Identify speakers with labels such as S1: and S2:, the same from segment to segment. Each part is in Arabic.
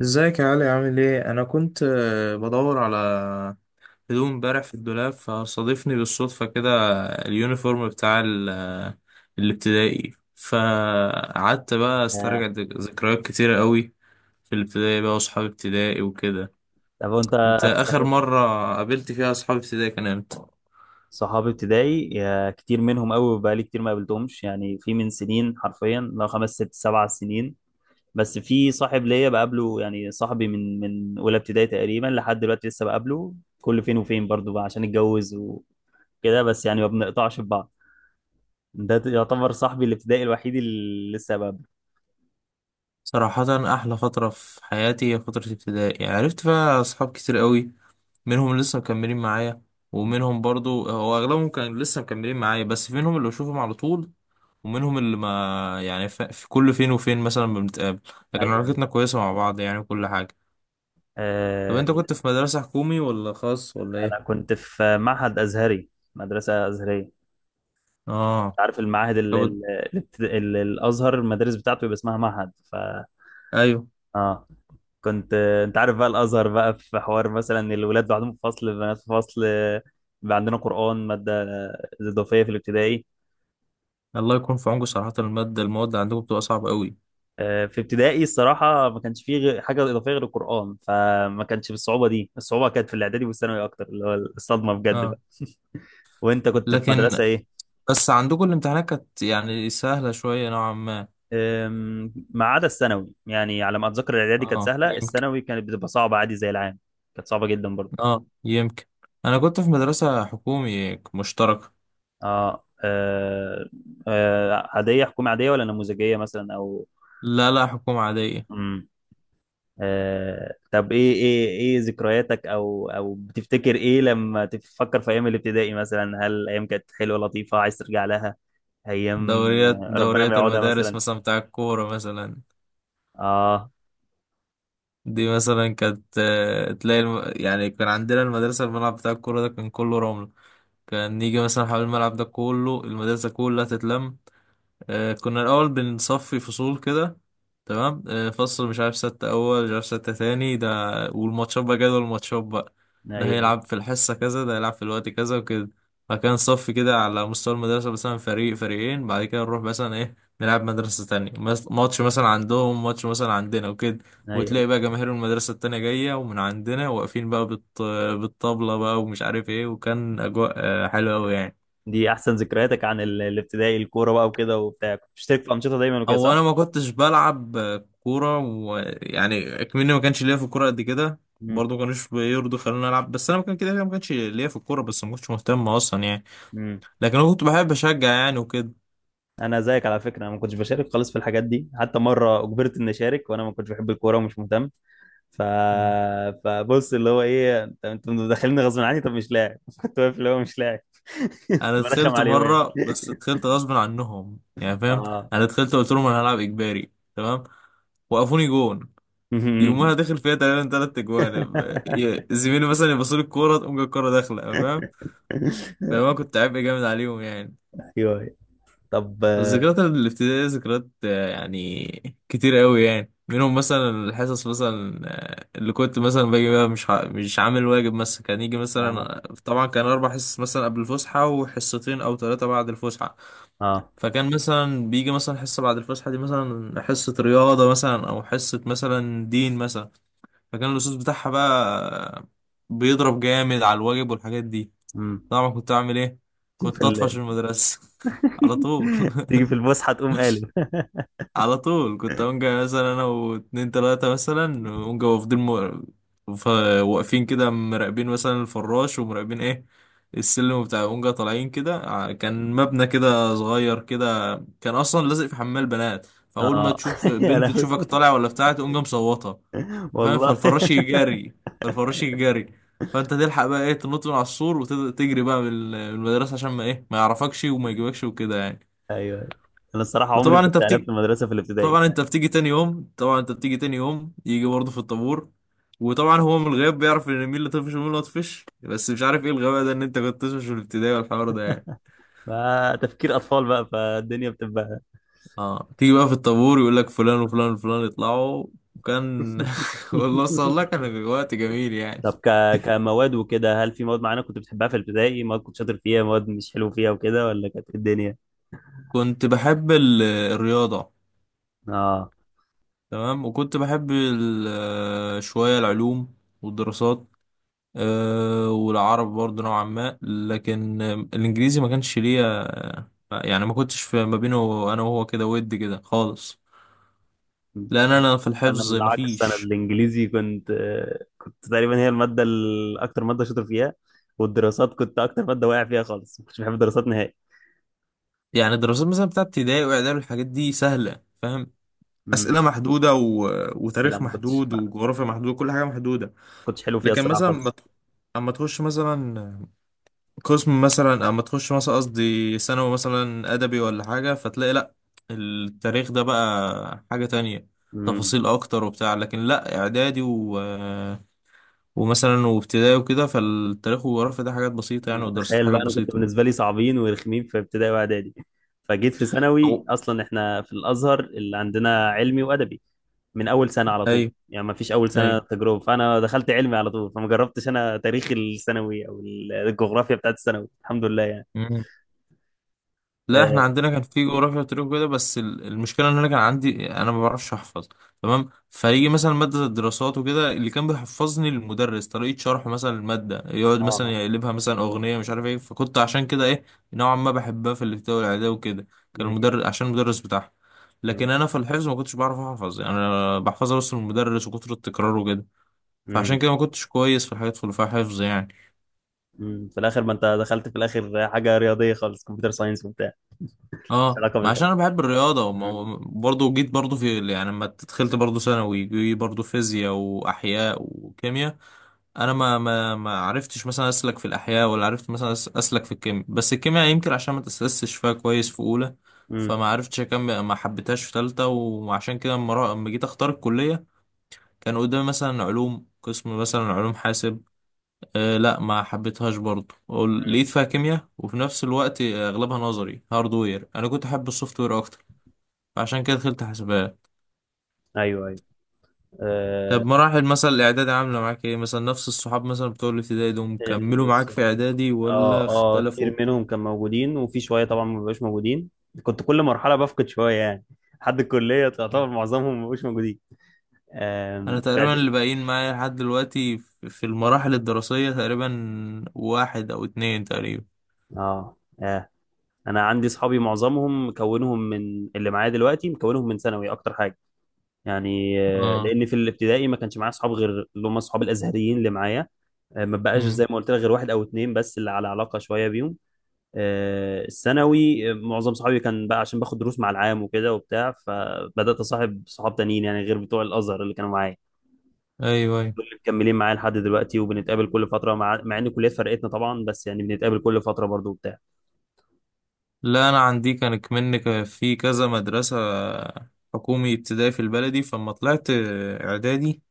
S1: ازيك يا علي، عامل ايه؟ انا كنت بدور على هدوم امبارح في الدولاب، فصادفني بالصدفة كده اليونيفورم بتاع الابتدائي. فقعدت بقى
S2: آه،
S1: استرجع ذكريات كتيرة قوي في الابتدائي بقى، واصحاب ابتدائي وكده.
S2: طب وانت
S1: انت اخر
S2: صحيح.
S1: مرة قابلت فيها اصحاب ابتدائي كان امتى؟
S2: صحابي ابتدائي كتير منهم قوي، بقالي كتير ما قابلتهمش يعني، في من سنين حرفيا لو 5 6 7 سنين. بس في صاحب ليا بقابله يعني، صاحبي من اولى ابتدائي تقريبا لحد دلوقتي لسه بقابله كل فين وفين، برضو بقى عشان اتجوز وكده، بس يعني ما بنقطعش ببعض. ده يعتبر صاحبي الابتدائي الوحيد اللي لسه بقابله.
S1: صراحة احلى فترة في حياتي هي فترة ابتدائي، عرفت فيها اصحاب كتير قوي. منهم لسه مكملين معايا، ومنهم برضو هو اغلبهم كان لسه مكملين معايا، بس في منهم اللي بشوفهم على طول، ومنهم اللي ما يعني في كل فين وفين مثلا بنتقابل، لكن
S2: ايوه.
S1: علاقتنا كويسة مع بعض يعني وكل حاجة. طب
S2: آه،
S1: انت كنت في مدرسة حكومي ولا خاص ولا ايه؟
S2: انا كنت في معهد ازهري، مدرسة أزهرية.
S1: اه.
S2: عارف المعاهد
S1: طب.
S2: الازهر المدارس بتاعته يبقى اسمها معهد ف
S1: ايوه.
S2: اه. كنت انت عارف بقى الازهر، بقى في حوار مثلا الولاد لوحدهم في فصل، البنات في فصل، بقى عندنا قران، ماده اضافيه في الابتدائي.
S1: الله يكون في عونكم، صراحة المادة المواد عندكم بتبقى صعبة قوي.
S2: في ابتدائي الصراحه ما كانش فيه حاجه اضافيه غير القران، فما كانش بالصعوبه دي. الصعوبه كانت في الاعدادي والثانوي اكتر، اللي هو الصدمه بجد
S1: اه.
S2: بقى. وانت كنت في
S1: لكن
S2: مدرسه ايه؟
S1: بس عندكم الامتحانات كانت يعني سهلة شوية نوعا ما.
S2: ما عدا الثانوي يعني، على ما اتذكر الاعدادي كانت
S1: اه
S2: سهله،
S1: يمكن.
S2: الثانوي كانت بتبقى صعبه عادي زي العام. كانت صعبه جدا برضه.
S1: اه يمكن. انا كنت في مدرسة حكومي مشتركة.
S2: اه. عادية، حكومة عادية ولا نموذجية مثلا او.
S1: لا لا، حكومة عادية.
S2: مم. آه. طب ايه ذكرياتك، او بتفتكر ايه لما تفكر في ايام الابتدائي مثلا؟ هل ايام كانت حلوة لطيفة عايز ترجع لها؟ ايام
S1: دوريات
S2: ربنا ما
S1: دوريات
S2: يعودها
S1: المدارس
S2: مثلا؟
S1: مثلا، بتاع الكورة مثلا،
S2: اه.
S1: دي مثلا كانت تلاقي يعني كان عندنا المدرسة الملعب بتاع الكورة ده كان كله رمل. كان يجي مثلا حوالين الملعب ده كله المدرسة كلها تتلم. كنا الأول بنصفي فصول كده، تمام، فصل مش عارف ستة أول، مش عارف ستة تاني ده. والماتشات بقى، جدول الماتشات بقى ده
S2: ايوه،
S1: هيلعب في الحصة كذا، ده هيلعب في الوقت كذا وكده. فكان صف كده على مستوى المدرسة مثلا، فريق فريقين، بعد كده نروح مثلا إيه نلعب مدرسة تانية، ماتش مثلا عندهم، ماتش مثلا عندنا وكده.
S2: ايوه.
S1: وتلاقي بقى جماهير المدرسة التانية جاية ومن عندنا واقفين بقى بالطبلة بقى، ومش عارف إيه، وكان أجواء حلوة أوي يعني.
S2: دي احسن ذكرياتك عن ال- الابتدائي الكورة بقى وكده وبتاع؟ كنت بتشترك في انشطة دايما وكده
S1: او
S2: صح؟
S1: انا ما كنتش بلعب كوره، ويعني اكمني ما كانش ليا في الكوره قد كده.
S2: مم.
S1: برضه ما كانوش بيرضوا خلوني العب، بس انا ما كان كده كده ما كانش ليا في الكوره، بس ما كنتش مهتم اصلا يعني.
S2: مم.
S1: لكن انا كنت بحب اشجع يعني وكده.
S2: انا زيك على فكره، انا ما كنتش بشارك خالص في الحاجات دي، حتى مره اجبرت اني اشارك وانا ما كنتش بحب الكوره ومش مهتم ف...
S1: مم.
S2: فبص، اللي هو ايه، انت مدخليني غصب عني، طب مش لاعب. كنت واقف اللي هو مش لاعب.
S1: انا
S2: برخم
S1: دخلت
S2: عليهم يعني.
S1: مره، بس دخلت غصب عنهم يعني، فاهم.
S2: اه.
S1: انا دخلت قلت لهم انا هلعب اجباري، تمام. وقفوني جون. يومها داخل فيها تقريبا 3 اجوان، زميلي مثلا يبصوا لي الكوره تقوم جاي الكوره داخله، فاهم. فانا كنت عبء جامد عليهم يعني.
S2: ايوه. طب.
S1: الذكريات الابتدائية ذكريات يعني كتير قوي يعني، منهم مثلا الحصص مثلا. اللي كنت مثلا باجي بقى مش عامل واجب مثلا، كان يجي
S2: اه،
S1: مثلا طبعا كان 4 حصص مثلا قبل الفسحة، وحصتين أو ثلاثة بعد الفسحة.
S2: اه.
S1: فكان مثلا بيجي مثلا حصة بعد الفسحة دي مثلا حصة رياضة مثلا أو حصة مثلا دين مثلا، فكان الأستاذ بتاعها بقى آه، بيضرب جامد على الواجب والحاجات دي.
S2: مم.
S1: طبعا كنت أعمل إيه؟
S2: تيجي في
S1: كنت أطفش المدرسة على طول.
S2: تيجي في الفسحه تقوم قالب.
S1: كنت أونجا مثلا أنا واتنين تلاتة مثلا أونجا واقفين ف- واقفين كده مراقبين مثلا الفراش، ومراقبين إيه السلم بتاع أونجا طالعين كده، كان مبنى كده صغير كده، كان أصلا لازق في حمام البنات، فأول ما
S2: اه.
S1: تشوف
S2: يا
S1: بنت
S2: لهوي
S1: تشوفك طالع ولا بتاع تقوم جاي مصوتة، فاهم.
S2: والله.
S1: فالفراش يجري. فأنت تلحق بقى إيه تنط من على السور وتجري بقى من من المدرسة عشان ما إيه ما يعرفكش وما يجيبكش وكده يعني.
S2: ايوه. انا الصراحه عمري
S1: وطبعا انت
S2: كنت قلبت
S1: بتيجي
S2: المدرسه في الابتدائي،
S1: طبعا انت بتيجي تاني يوم طبعا انت بتيجي تاني يوم، يجي برضه في الطابور. وطبعا هو من الغياب بيعرف ان مين اللي طفش ومين اللي مطفش، بس مش عارف ايه الغباء ده، ان انت كنت تطفش في الابتدائي والحوار ده يعني.
S2: فتفكير اطفال بقى، فالدنيا بتبقى.
S1: اه تيجي بقى في الطابور يقول لك فلان وفلان وفلان يطلعوا. كان والله صلى الله كان وقت جميل يعني.
S2: طب كمواد وكده، هل في مواد معينة كنت بتحبها في الابتدائي؟ مواد كنت شاطر فيها، مواد مش حلو فيها وكده، ولا كانت إيه الدنيا؟
S1: كنت بحب الرياضة،
S2: اه.
S1: تمام، وكنت بحب شوية العلوم والدراسات. أه، والعرب برضه نوعا ما، لكن الانجليزي ما كانش ليا يعني، ما كنتش في ما بينه انا وهو كده ود كده خالص، لان انا في
S2: انا
S1: الحفظ ما
S2: العكس، انا
S1: فيش.
S2: الانجليزي كنت، كنت تقريبا هي المادة اكتر مادة شاطر فيها. والدراسات كنت اكتر مادة واقع فيها خالص، ما كنتش بحب الدراسات نهائي.
S1: يعني الدراسات مثلا بتاعت ابتدائي واعدادي والحاجات دي سهله، فاهم. اسئله
S2: امم
S1: محدوده و...
S2: بس لا،
S1: وتاريخ
S2: ما كنتش
S1: محدود وجغرافيا محدوده، كل حاجه محدوده.
S2: حلو فيها
S1: لكن
S2: الصراحة
S1: مثلا ما
S2: خالص.
S1: ت- اما تخش مثلا اما تخش مثلا، قصدي ثانوي مثلا ادبي ولا حاجه، فتلاقي لا، التاريخ ده بقى حاجه تانية،
S2: امم
S1: تفاصيل اكتر وبتاع. لكن لا اعدادي ومثلا وابتدائي وكده، فالتاريخ والجغرافيا ده حاجات بسيطه يعني،
S2: لا،
S1: ودراسة
S2: تخيل
S1: حاجات
S2: بقى، انا كنت
S1: بسيطه.
S2: بالنسبة لي صعبين ورخمين في ابتدائي واعدادي، فجيت في ثانوي،
S1: أو...
S2: اصلا احنا في الازهر اللي عندنا علمي وادبي من اول سنه على طول
S1: ايوه
S2: يعني، ما فيش اول سنه تجربه. فانا دخلت علمي على طول، فما جربتش انا تاريخ الثانوي او الجغرافيا بتاعت الثانوي الحمد لله يعني.
S1: ايوه. لا احنا
S2: اه،
S1: عندنا كان في جغرافيا وتاريخ وكده، بس المشكله ان انا كان عندي، انا ما بعرفش احفظ، تمام. فيجي مثلا ماده الدراسات وكده، اللي كان بيحفظني المدرس طريقه شرحه مثلا الماده، يقعد
S2: اه.
S1: مثلا يقلبها مثلا اغنيه مش عارف ايه، فكنت عشان كده ايه، نوعا ما بحبها في الابتدائي والاعدادي وكده، كان
S2: جميل.
S1: المدرس عشان المدرس بتاعها.
S2: مم.
S1: لكن انا في الحفظ ما كنتش بعرف احفظ يعني، انا بحفظها بس من المدرس وكتر التكرار وكده. فعشان
S2: مم.
S1: كده ما كنتش كويس في الحاجات اللي فيها حفظ يعني.
S2: مم. في الاخر ما انت دخلت في الاخر حاجه رياضيه خالص، كمبيوتر ساينس وبتاع، مش
S1: اه
S2: علاقه
S1: ما عشان
S2: بالحلم.
S1: انا بحب الرياضه
S2: مم.
S1: برضه جيت برضه في يعني، لما دخلت برضه ثانوي جي برضه فيزياء واحياء وكيمياء. انا ما عرفتش مثلا اسلك في الاحياء، ولا عرفت مثلا اسلك في الكيمياء، بس الكيمياء يمكن عشان ما تاسستش فيها كويس في اولى،
S2: مم.
S1: فما عرفتش اكمل، ما حبيتهاش في ثالثه. وعشان كده لما لما جيت اختار الكليه، كان قدامي مثلا علوم، قسم مثلا علوم حاسب. آه لا، ما حبيتهاش برضه،
S2: مم.
S1: لقيت فيها كيمياء، وفي نفس الوقت اغلبها نظري هاردوير، انا كنت احب السوفت وير اكتر. عشان كده دخلت حسابات.
S2: ايوه، ايوه. آه.
S1: طب مراحل مثلا الاعدادي عامله معاك ايه مثلا، نفس الصحاب مثلا بتوع الابتدائي دول كملوا
S2: ال-
S1: معاك في اعدادي
S2: اه،
S1: ولا
S2: اه،
S1: اختلفوا؟
S2: كتير منهم كان موجودين، وفي شويه طبعا ما بقوش موجودين. كنت كل مرحله بفقد شويه يعني، لحد الكليه تعتبر معظمهم ما بقوش موجودين. آم،
S1: انا تقريبا اللي باقيين معايا لحد دلوقتي في في المراحل الدراسيه تقريبا واحد او اتنين تقريبا.
S2: اه، اه. انا عندي صحابي معظمهم مكونهم من اللي معايا دلوقتي، مكونهم من ثانوي اكتر حاجه يعني.
S1: اه.
S2: لان في الابتدائي ما كانش معايا صحاب، غير اللي هم صحاب الازهريين اللي معايا. ما بقاش
S1: مم.
S2: زي ما قلت لك غير واحد او اتنين بس اللي على علاقه شويه بيهم. الثانوي، معظم صحابي كان بقى عشان باخد دروس مع العام وكده وبتاع، فبدات اصاحب صحاب تانيين يعني غير بتوع الازهر اللي كانوا معايا.
S1: ايوه ايوه.
S2: دول اللي مكملين معايا لحد دلوقتي، وبنتقابل كل فتره، مع ان الكليات فرقتنا طبعا، بس يعني بنتقابل كل فتره برضو وبتاع.
S1: لا انا عندي كان كمان في كذا مدرسه، حكومي ابتدائي في البلدي. فلما طلعت اعدادي،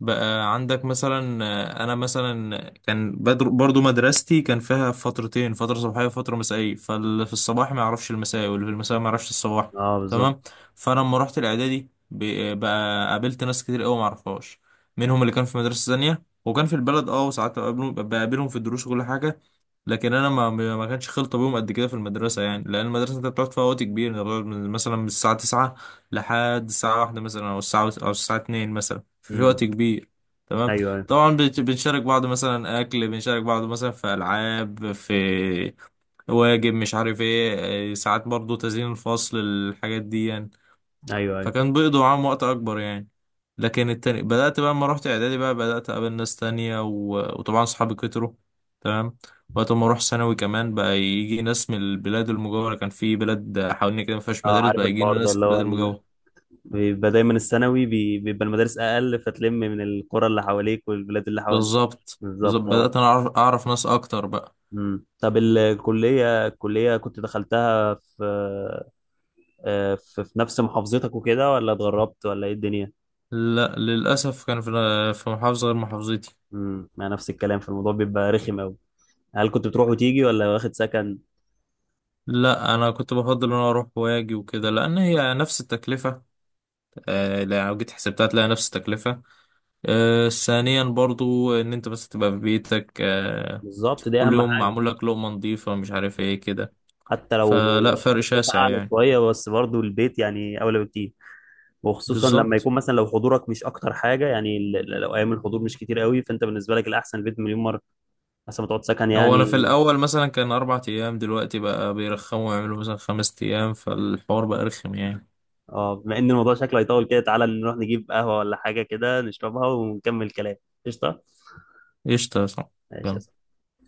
S1: بقى عندك مثلا، انا مثلا كان برضو مدرستي كان فيها فترتين، فتره صباحيه وفتره مسائيه، فاللي في الصباح ما يعرفش المسائي واللي في المسائي ما يعرفش الصباح،
S2: اه، بالظبط.
S1: تمام. فانا لما رحت الاعدادي بقى قابلت ناس كتير قوي ما اعرفهاش، منهم اللي كان في مدرسه ثانيه وكان في البلد، اه، وساعات بقابلهم في الدروس وكل حاجه. لكن انا ما كانش خلطه بيهم قد كده في المدرسه يعني، لان المدرسه انت بتقعد فيها وقت كبير، انت بتقعد مثلا من الساعه 9 لحد الساعه 1 مثلا، او الساعه 2 مثلا، في في
S2: امم
S1: وقت كبير، تمام.
S2: ايوه، أيوه.
S1: طبعا بنشارك بعض مثلا اكل، بنشارك بعض مثلا في العاب، في واجب مش عارف ايه إيه، ساعات برضو تزيين الفصل الحاجات دي يعني،
S2: ايوه، ايوه.
S1: فكان بيقضوا معاهم وقت اكبر يعني. لكن التاني بدأت بقى لما رحت اعدادي بقى، بدأت اقابل ناس تانية و... وطبعا صحابي كتروا، تمام. وقت ما اروح ثانوي كمان بقى يجي ناس من البلاد المجاورة، كان في بلاد حوالين كده ما فيهاش
S2: اه.
S1: مدارس،
S2: عارف
S1: بقى يجي
S2: الحوار
S1: لنا
S2: ده،
S1: ناس
S2: اللي
S1: من البلاد
S2: هو
S1: المجاورة.
S2: بيبقى دايما الثانوي بيبقى المدارس اقل، فتلم من القرى اللي حواليك والبلاد اللي حواليك.
S1: بالظبط بالظبط،
S2: بالظبط، اه.
S1: بدأت انا أعرف ناس اكتر بقى.
S2: طب الكليه كنت دخلتها في في نفس محافظتك وكده، ولا اتغربت ولا ايه الدنيا؟
S1: لا للأسف كان في في محافظة غير محافظتي.
S2: مع نفس الكلام في الموضوع بيبقى رخم قوي. هل كنت بتروح وتيجي ولا واخد سكن؟
S1: لا انا كنت بفضل ان انا اروح واجي وكده، لان هي نفس التكلفة. لو جيت حسبتها تلاقي نفس التكلفة. ثانيا برضو ان انت بس تبقى في بيتك.
S2: بالظبط، دي
S1: كل
S2: اهم
S1: يوم
S2: حاجه.
S1: معمول لك لقمة نظيفة، مش عارف ايه كده،
S2: حتى لو
S1: فلا فرق
S2: التكلفه
S1: شاسع
S2: اعلى
S1: يعني.
S2: شويه بس برضو البيت يعني اولى بكتير، وخصوصا لما
S1: بالظبط،
S2: يكون مثلا لو حضورك مش اكتر حاجه يعني، لو ايام الحضور مش كتير قوي، فانت بالنسبه لك الاحسن بيت مليون مره، احسن ما تقعد سكن
S1: هو انا في
S2: يعني.
S1: الاول مثلا كان 4 ايام، دلوقتي بقى بيرخموا يعملوا مثلا 5 ايام، فالحوار بقى رخم يعني.
S2: اه، بما ان الموضوع شكله هيطول كده، تعالى نروح نجيب قهوه ولا حاجه كده نشربها ونكمل كلام. قشطه.
S1: قشطة يا
S2: ماشي يا
S1: صاحبي.